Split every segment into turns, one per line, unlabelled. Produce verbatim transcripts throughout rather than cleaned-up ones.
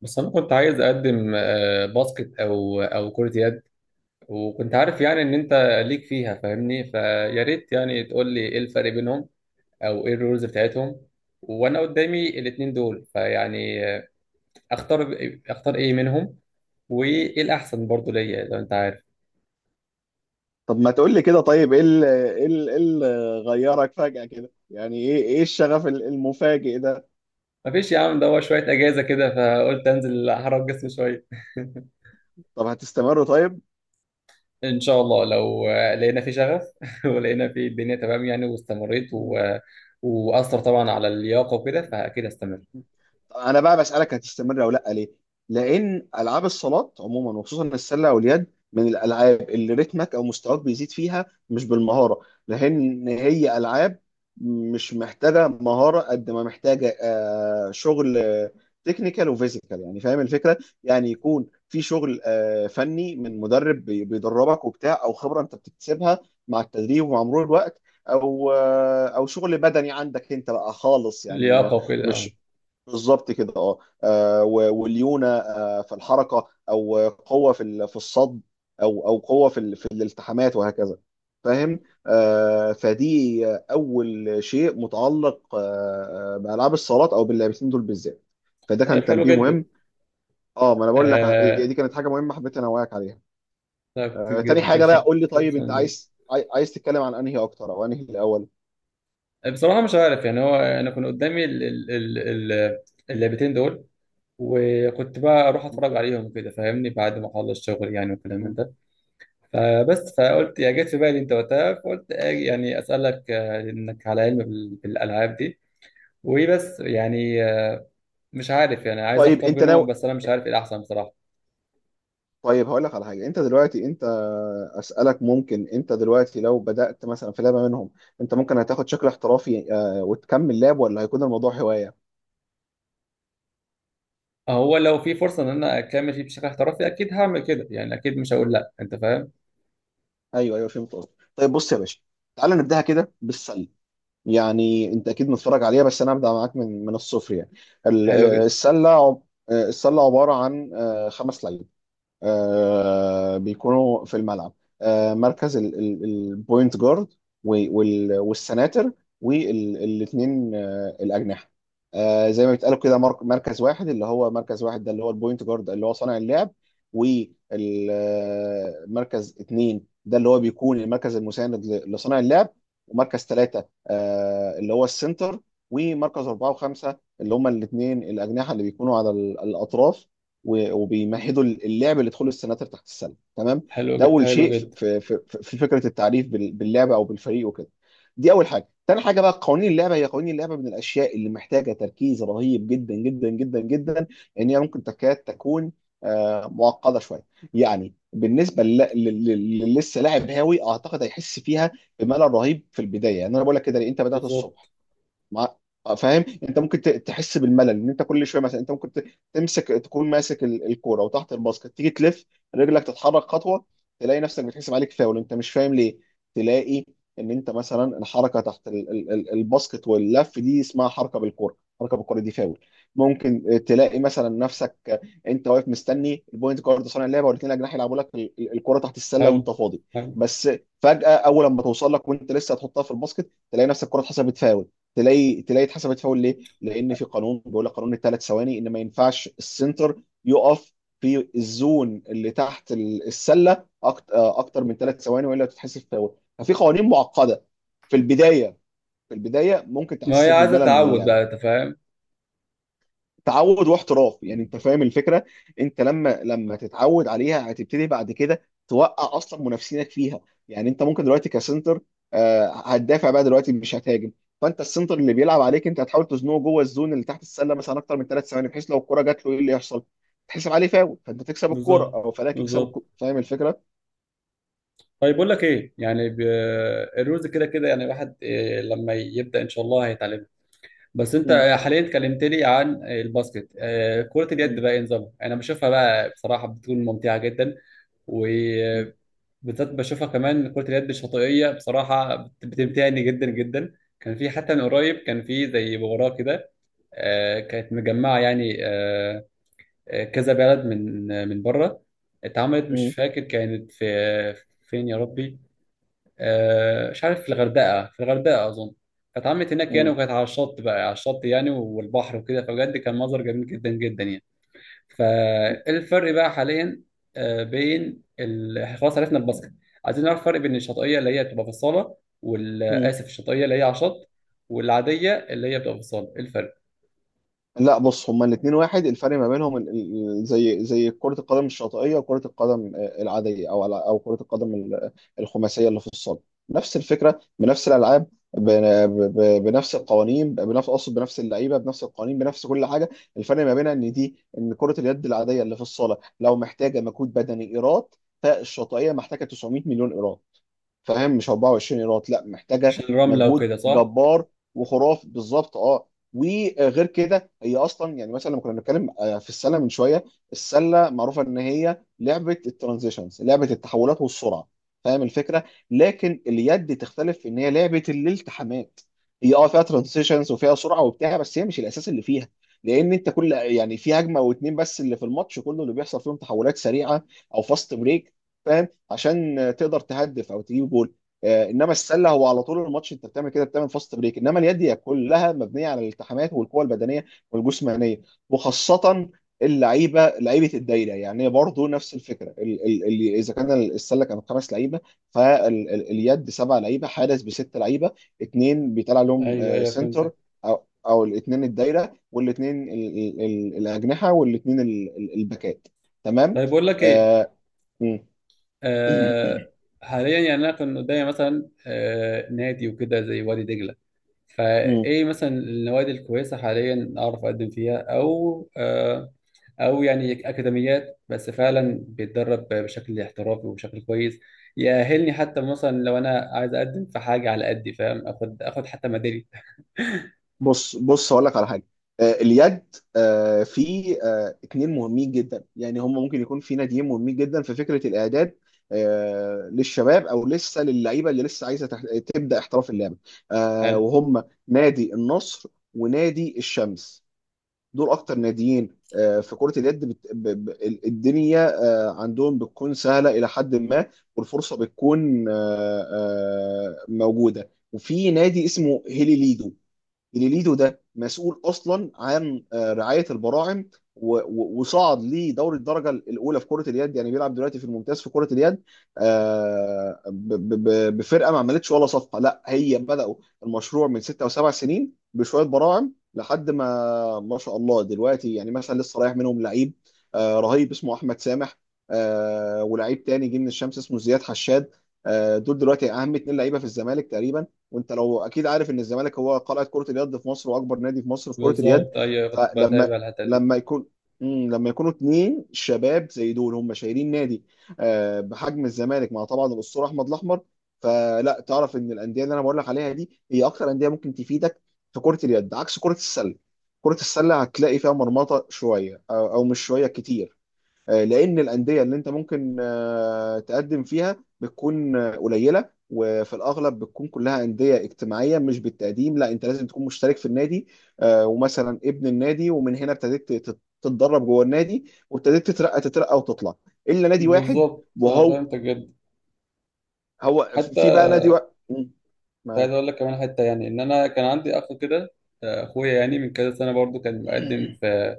بس انا كنت عايز اقدم آه، باسكت او او كرة يد. وكنت عارف يعني ان انت ليك فيها، فاهمني؟ فيا ريت يعني تقول لي ايه الفرق بينهم او ايه الرولز بتاعتهم، وانا قدامي الاتنين دول. فيعني آه، اختار اختار ايه منهم، وايه الاحسن برضو ليا لو انت عارف.
طب ما تقول لي كده. طيب ايه اللي ايه اللي إيه اللي غيرك فجأة كده؟ يعني ايه ايه الشغف ال- المفاجئ ده؟
مفيش يا عم، ده هو شوية اجازة كده فقلت انزل احرك جسمي شوية.
طب هتستمر طيب؟
ان شاء الله لو آه، لقينا في شغف ولقينا في الدنيا تمام يعني واستمريت و...
مم.
واثر طبعا على اللياقة وكده، فاكيد هستمر.
انا بقى بسالك هتستمر او لا ليه؟ لان العاب الصالات عموما وخصوصا السله واليد من الالعاب اللي رتمك او مستواك بيزيد فيها مش بالمهاره، لان هي العاب مش محتاجه مهاره قد ما محتاجه آه، شغل تكنيكال وفيزيكال، يعني فاهم الفكره؟ يعني يكون في شغل آه، فني من مدرب بي- بيدربك وبتاع، او خبره انت بتكتسبها مع التدريب ومع مرور الوقت، او آه، او شغل بدني عندك انت بقى خالص، يعني آه،
لياقة وكده، اه.
مش بالظبط كده اه. آه، و- والليونه آه، في الحركه، او قوه في ال- في الصد، او او قوه في ال- في الالتحامات وهكذا، فاهم؟ آه، فدي اول شيء متعلق آه، آه، بالعاب الصالات او باللاعبين دول بالذات، فده
طيب
كان
حلو
تنبيه
جدا.
مهم. اه، ما انا بقول لك ع-
آه.
دي كانت حاجه مهمه حبيت انوهك عليها.
طيب
آه، تاني
جدا.
حاجه بقى،
سلسلة-
قول لي طيب، انت عايز عاي- عايز تتكلم عن انهي اكتر، او انهي الاول؟
بصراحة مش عارف يعني. هو أنا كان قدامي ال- ال- ال- ال- اللعبتين دول، وكنت بقى أروح أتفرج عليهم كده، فاهمني؟ بعد ما أخلص الشغل يعني والكلام من
مم.
ده. فبس فقلت، يا جت في بالي أنت وقتها، فقلت آه، يعني أسألك آه، إنك على علم بال- بالألعاب دي. وبس يعني آه، مش عارف يعني، عايز
طيب
أختار
انت
بينهم،
ناوي؟
بس أنا مش عارف إيه الأحسن بصراحة.
طيب هقول لك على حاجه، انت دلوقتي انت اسالك، ممكن انت دلوقتي لو بدات مثلا في لعبه منهم، انت ممكن هتاخد شكل احترافي آه، وتكمل لعب، ولا هيكون الموضوع هوايه؟
هو لو في فرصة إن أنا أكمل فيه بشكل احترافي أكيد هعمل كده يعني، أكيد مش هقول لأ، أنت فاهم؟
ايوه ايوه، فهمت قصدك. طيب بص يا باشا، تعال نبداها كده بالسله. يعني انت اكيد متفرج عليها، بس انا هبدا معاك من من الصفر يعني. ال-
حلو
آه،
جدا،
السله عب- آه، السله عباره عن آه، خمس لعيبه آه، بيكونوا في الملعب: آه، مركز البوينت جارد، والسناتر، والاثنين الاجنحه. آه، زي ما بيتقالوا كده، مر- مركز واحد، اللي هو مركز واحد ده اللي هو البوينت جارد اللي هو صانع اللعب، ومركز اثنين ده اللي هو بيكون المركز المساند ل- لصانع اللعب، ومركز ثلاثة اللي هو السنتر، ومركز أربعة وخمسة اللي هما الاثنين الأجنحة اللي بيكونوا على ال- الأطراف، و- وبيمهدوا اللعب لدخول السناتر تحت السلم، تمام.
حلو
ده
جدا،
اول
حلو
شيء في
جدا.
في, في في فكره التعريف بال- باللعبه او بالفريق وكده، دي اول حاجه. تاني حاجه بقى، قوانين اللعبه، هي قوانين اللعبه من الاشياء اللي محتاجه تركيز رهيب جدا جدا جدا جدا، ان هي ممكن تكاد تكون آه، معقده شويه. يعني بالنسبه لل- لل- لل- للي لسه لاعب هاوي، اعتقد هيحس فيها بملل رهيب في البدايه. يعني انا بقول لك كده ليه؟ انت بدات الصبح،
بالظبط.
ما فاهم؟ انت ممكن ت- تحس بالملل، ان انت كل شويه مثلا انت ممكن ت- تمسك، تكون ماسك ال- الكوره وتحت الباسكت، تيجي تلف رجلك، تتحرك خطوه، تلاقي نفسك بتحسب عليك فاول، انت مش فاهم ليه. تلاقي ان انت مثلا الحركه تحت ال- ال- ال- الباسكت واللف دي اسمها حركه بالكوره، حركه بالكوره دي فاول. ممكن تلاقي مثلا نفسك انت واقف مستني البوينت جارد صانع اللعبه، والاثنين اجنحه يلعبوا لك ال- ال- الكوره تحت السله
حلو،
وانت فاضي،
حلو.
بس فجاه اول ما توصل لك وانت لسه هتحطها في الباسكت، تلاقي نفسك الكوره اتحسبت فاول. تلاقي تلاقي اتحسبت فاول ليه؟ لان في قانون بيقول لك، قانون الثلاث ثواني، ان ما ينفعش السنتر يقف في الزون اللي تحت ال- السله أكت- آه، اكتر من ثلاث ثواني، والا تتحسب فاول. ففي قوانين معقده في البدايه، في البدايه ممكن
ما هي
تحسسك
عايزة
بالملل من
تعود
اللعبه.
بقى، أنت فاهم؟
تعود واحتراف يعني، انت فاهم الفكره. انت لما لما تتعود عليها هتبتدي بعد كده توقع اصلا منافسينك فيها. يعني انت ممكن دلوقتي كسنتر آه، هتدافع بقى دلوقتي، مش هتهاجم، فانت السنتر اللي بيلعب عليك انت هتحاول تزنقه جوه الزون اللي تحت السله مثلا اكتر من ثلاث ثواني، بحيث لو الكره جات له ايه اللي يحصل؟ تحسب عليه فاول، فانت تكسب الكره
بالظبط،
او فلاك يكسب
بالظبط.
الكرة. فاهم الفكره؟
طيب بقول لك إيه يعني ب... الرولز كده كده يعني، الواحد إيه لما يبدأ إن شاء الله هيتعلمها. بس أنت
مم.
حاليا كلمتني عن الباسكت. آه، كرة اليد
مم.
بقى إيه نظامها؟ أنا بشوفها بقى بصراحة بتكون ممتعة جدا.
مم.
بالذات بشوفها كمان كرة اليد الشاطئية، بصراحة بت- بتمتعني جدا جدا. كان في حتى من قريب كان في زي مباراة كده، آه، كانت مجمعة يعني آه، آه، كذا بلد من آه، من بره. اتعملت، مش فاكر كانت في فين يا ربي، آه، مش عارف، في الغردقة، في الغردقة أظن. فاتعملت هناك يعني،
مم.
وكانت على الشط بقى، على الشط يعني، والبحر وكده، فبجد كان منظر جميل جدا جدا يعني. فالفرق بقى حاليا آه، بين ال... خلاص، عرفنا الباسكت. عايزين نعرف الفرق بين الشاطئيه اللي هي بتبقى في الصاله، وال
مم.
اسف، الشاطئيه اللي هي على الشط والعاديه اللي هي بتبقى في الصاله، إيه الفرق؟
لا بص، هما الاثنين واحد. الفرق ما بينهم ال- ال- زي زي كرة القدم الشاطئية وكرة القدم آه، العادية، أو على- أو كرة القدم ال- الخماسية اللي في الصالة، نفس الفكرة بنفس الألعاب، ب- ب- ب- بنفس القوانين، بنفس، أقصد بنفس اللعيبة، بنفس القوانين، بنفس كل حاجة. الفرق ما بينها إن دي، إن كرة اليد العادية اللي في الصالة لو محتاجة مجهود بدني إيراد، فالشاطئية محتاجة تسعمية مليون إيراد، فاهم؟ مش اربعة وعشرين ايراد، لا، محتاجه
عشان الرمله
مجهود
وكده، صح؟
جبار وخرافي، بالظبط اه. وغير كده هي اصلا يعني، مثلا لما كنا بنتكلم آه، في السله من شويه، السله معروفه ان هي لعبه الترانزيشنز، لعبه التحولات والسرعه، فاهم الفكره. لكن اليد تختلف في ان هي لعبه الالتحامات. هي اه فيها ترانزيشنز وفيها سرعه وبتاع، بس هي مش الاساس اللي فيها، لان انت كل يعني في هجمه او اتنين بس اللي في الماتش كله اللي بيحصل فيهم تحولات سريعه او فاست بريك عشان تقدر تهدف او تجيب جول. آه، انما السله هو على طول الماتش انت بتعمل كده، بتعمل فاست بريك. انما اليد هي كلها مبنيه على الالتحامات والقوه البدنيه والجسمانيه، وخاصه اللعيبه، لعيبه الدايره. يعني برضه نفس الفكره، ال ال ال اذا كان السله كانت خمس لعيبه، فاليد سبع لعيبه، حارس بست لعيبه، اثنين بيطلع لهم
ايوه
آه،
ايوه،
سنتر،
فهمتك.
او او الاثنين الدايره، والاثنين ال- ال- ال- الاجنحه، والاثنين ال- ال- الباكات، تمام.
طيب بقول لك ايه.
آه، مم.
آه. حاليا يعني انا كنت قدامي مثلا آه نادي وكده زي وادي دجله.
مم.
فايه مثلا النوادي الكويسه حاليا اعرف اقدم فيها، او آه، او يعني اكاديميات، بس فعلا بيتدرب بشكل احترافي وبشكل كويس، يأهلني حتى مثلا لو انا عايز اقدم في حاجه على قدي، فاهم؟ اخد اخد حتى ميدالية.
بص بص، هقول لك على حاجه. آه، اليد آه، في آه، اتنين مهمين جدا، يعني هم ممكن يكون في ناديين مهمين جدا في فكره الاعداد آه، للشباب او لسه للعيبه اللي لسه عايزه تح- تبدا احتراف اللعبه، آه،
حلو.
وهم نادي النصر ونادي الشمس. دول اكتر ناديين آه، في كره اليد بت- ب- ب- ال- الدنيا. آه، عندهم بتكون سهله الى حد ما، والفرصه بتكون آه، آه، موجوده. وفي نادي اسمه هيلي ليدو، جليليدو ده مسؤول اصلا عن آه، رعايه البراعم، و- و- وصعد لدوري الدرجه الاولى في كره اليد، يعني بيلعب دلوقتي في الممتاز في كره اليد آه، ب- ب- ب- بفرقه ما عملتش ولا صفقه. لا، هي بداوا المشروع من ستة او سبع سنين بشويه براعم، لحد ما ما شاء الله دلوقتي، يعني مثلا لسه رايح منهم لعيب آه، رهيب اسمه احمد سامح، آه، ولعيب تاني جه من الشمس اسمه زياد حشاد. آه، دول دلوقتي اهم اتنين لعيبه في الزمالك تقريبا، وانت لو اكيد عارف ان الزمالك هو قلعه كره اليد في مصر واكبر نادي في مصر في كره اليد.
بالظبط، ايوه أيوة، كنت
فلما
بتابع الحته دي.
لما يكون، مم، لما يكونوا اتنين شباب زي دول هم شايلين نادي آه، بحجم الزمالك مع طبعا الاسطوره احمد الاحمر، فلا تعرف ان الانديه اللي انا بقول لك عليها دي هي اكتر انديه ممكن تفيدك في كره اليد، عكس كره السله. كره السله هتلاقي فيها مرمطه شويه، او أو مش شويه، كتير، آه، لان الانديه اللي انت ممكن آه، تقدم فيها بتكون آه، قليله، وفي الاغلب بتكون كلها انديه اجتماعيه مش بالتقديم، لا انت لازم تكون مشترك في النادي آه، ومثلا ابن النادي، ومن هنا ابتديت تت- تتدرب جوه النادي، وابتديت تترقى تترقى وتطلع، الا نادي واحد.
بالظبط انا
وهو
فهمتك جدا.
هو
حتى
في بقى نادي واحد.
كنت عايز اقول لك كمان حته يعني، ان انا كان عندي اخ كده، اخويا يعني، من كذا سنه برضو كان مقدم في،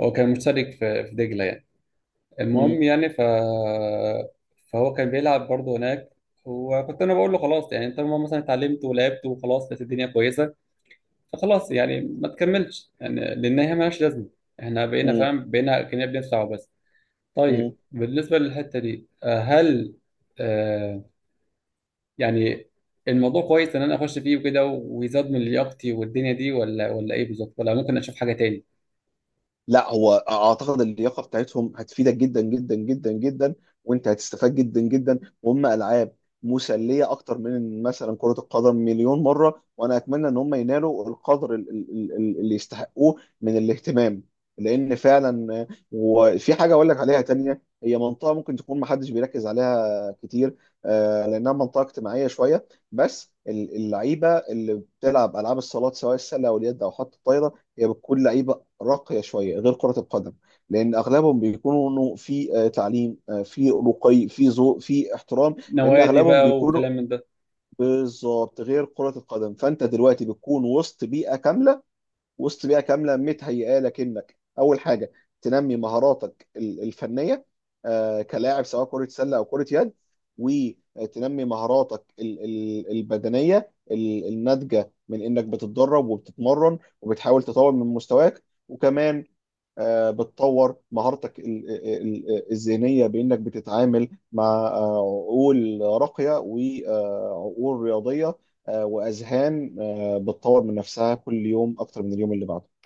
هو كان مشترك في في دجله يعني. المهم يعني ف... فهو كان بيلعب برضه هناك. وكنت انا بقول له خلاص يعني، انت لما مثلا اتعلمت ولعبت وخلاص، لقيت الدنيا كويسه، فخلاص يعني ما تكملش، يعني لان هي مالهاش لازمه. احنا بقينا فاهم، بقينا كنا بندفع بس. طيب بالنسبه للحته دي آه، هل آه يعني الموضوع كويس ان انا اخش فيه وكده، ويزاد من لياقتي والدنيا دي، ولا ولا ايه بالظبط؟ ولا ممكن اشوف حاجه تاني،
لا هو اعتقد اللياقه بتاعتهم هتفيدك جدا جدا جدا جدا، وانت هتستفاد جدا جدا، وهم العاب مسليه اكتر من مثلا كره القدم مليون مره. وانا اتمنى ان هم ينالوا القدر ال- ال- ال- اللي يستحقوه من الاهتمام، لان فعلا وفي حاجه اقول لك عليها تانية، هي منطقه ممكن تكون محدش بيركز عليها كتير آه، لانها منطقه اجتماعيه شويه. بس ال- اللعيبه اللي بتلعب العاب الصالات سواء السله او اليد او حتى الطايره هي بتكون لعيبه راقية شوية غير كرة القدم، لأن أغلبهم بيكونوا في آه، تعليم، آه، في رقي، في ذوق، في احترام. لأن
نوادي
أغلبهم
بقى
بيكونوا
وكلام من ده.
بالظبط، غير كرة القدم. فأنت دلوقتي بتكون وسط بيئة كاملة، وسط بيئة كاملة متهيئة لك إنك أول حاجة تنمي مهاراتك ال- الفنية آه، كلاعب، سواء كرة سلة أو كرة يد، وتنمي مهاراتك ال- ال- البدنية ال- الناتجة من إنك بتتدرب وبتتمرن وبتحاول تطور من مستواك. وكمان آه، بتطور مهارتك ال- ال- ال- الذهنية بإنك بتتعامل مع آه، عقول راقية وعقول رياضية، آه، وأذهان آه، بتطور من نفسها كل يوم أكتر من اليوم اللي بعده.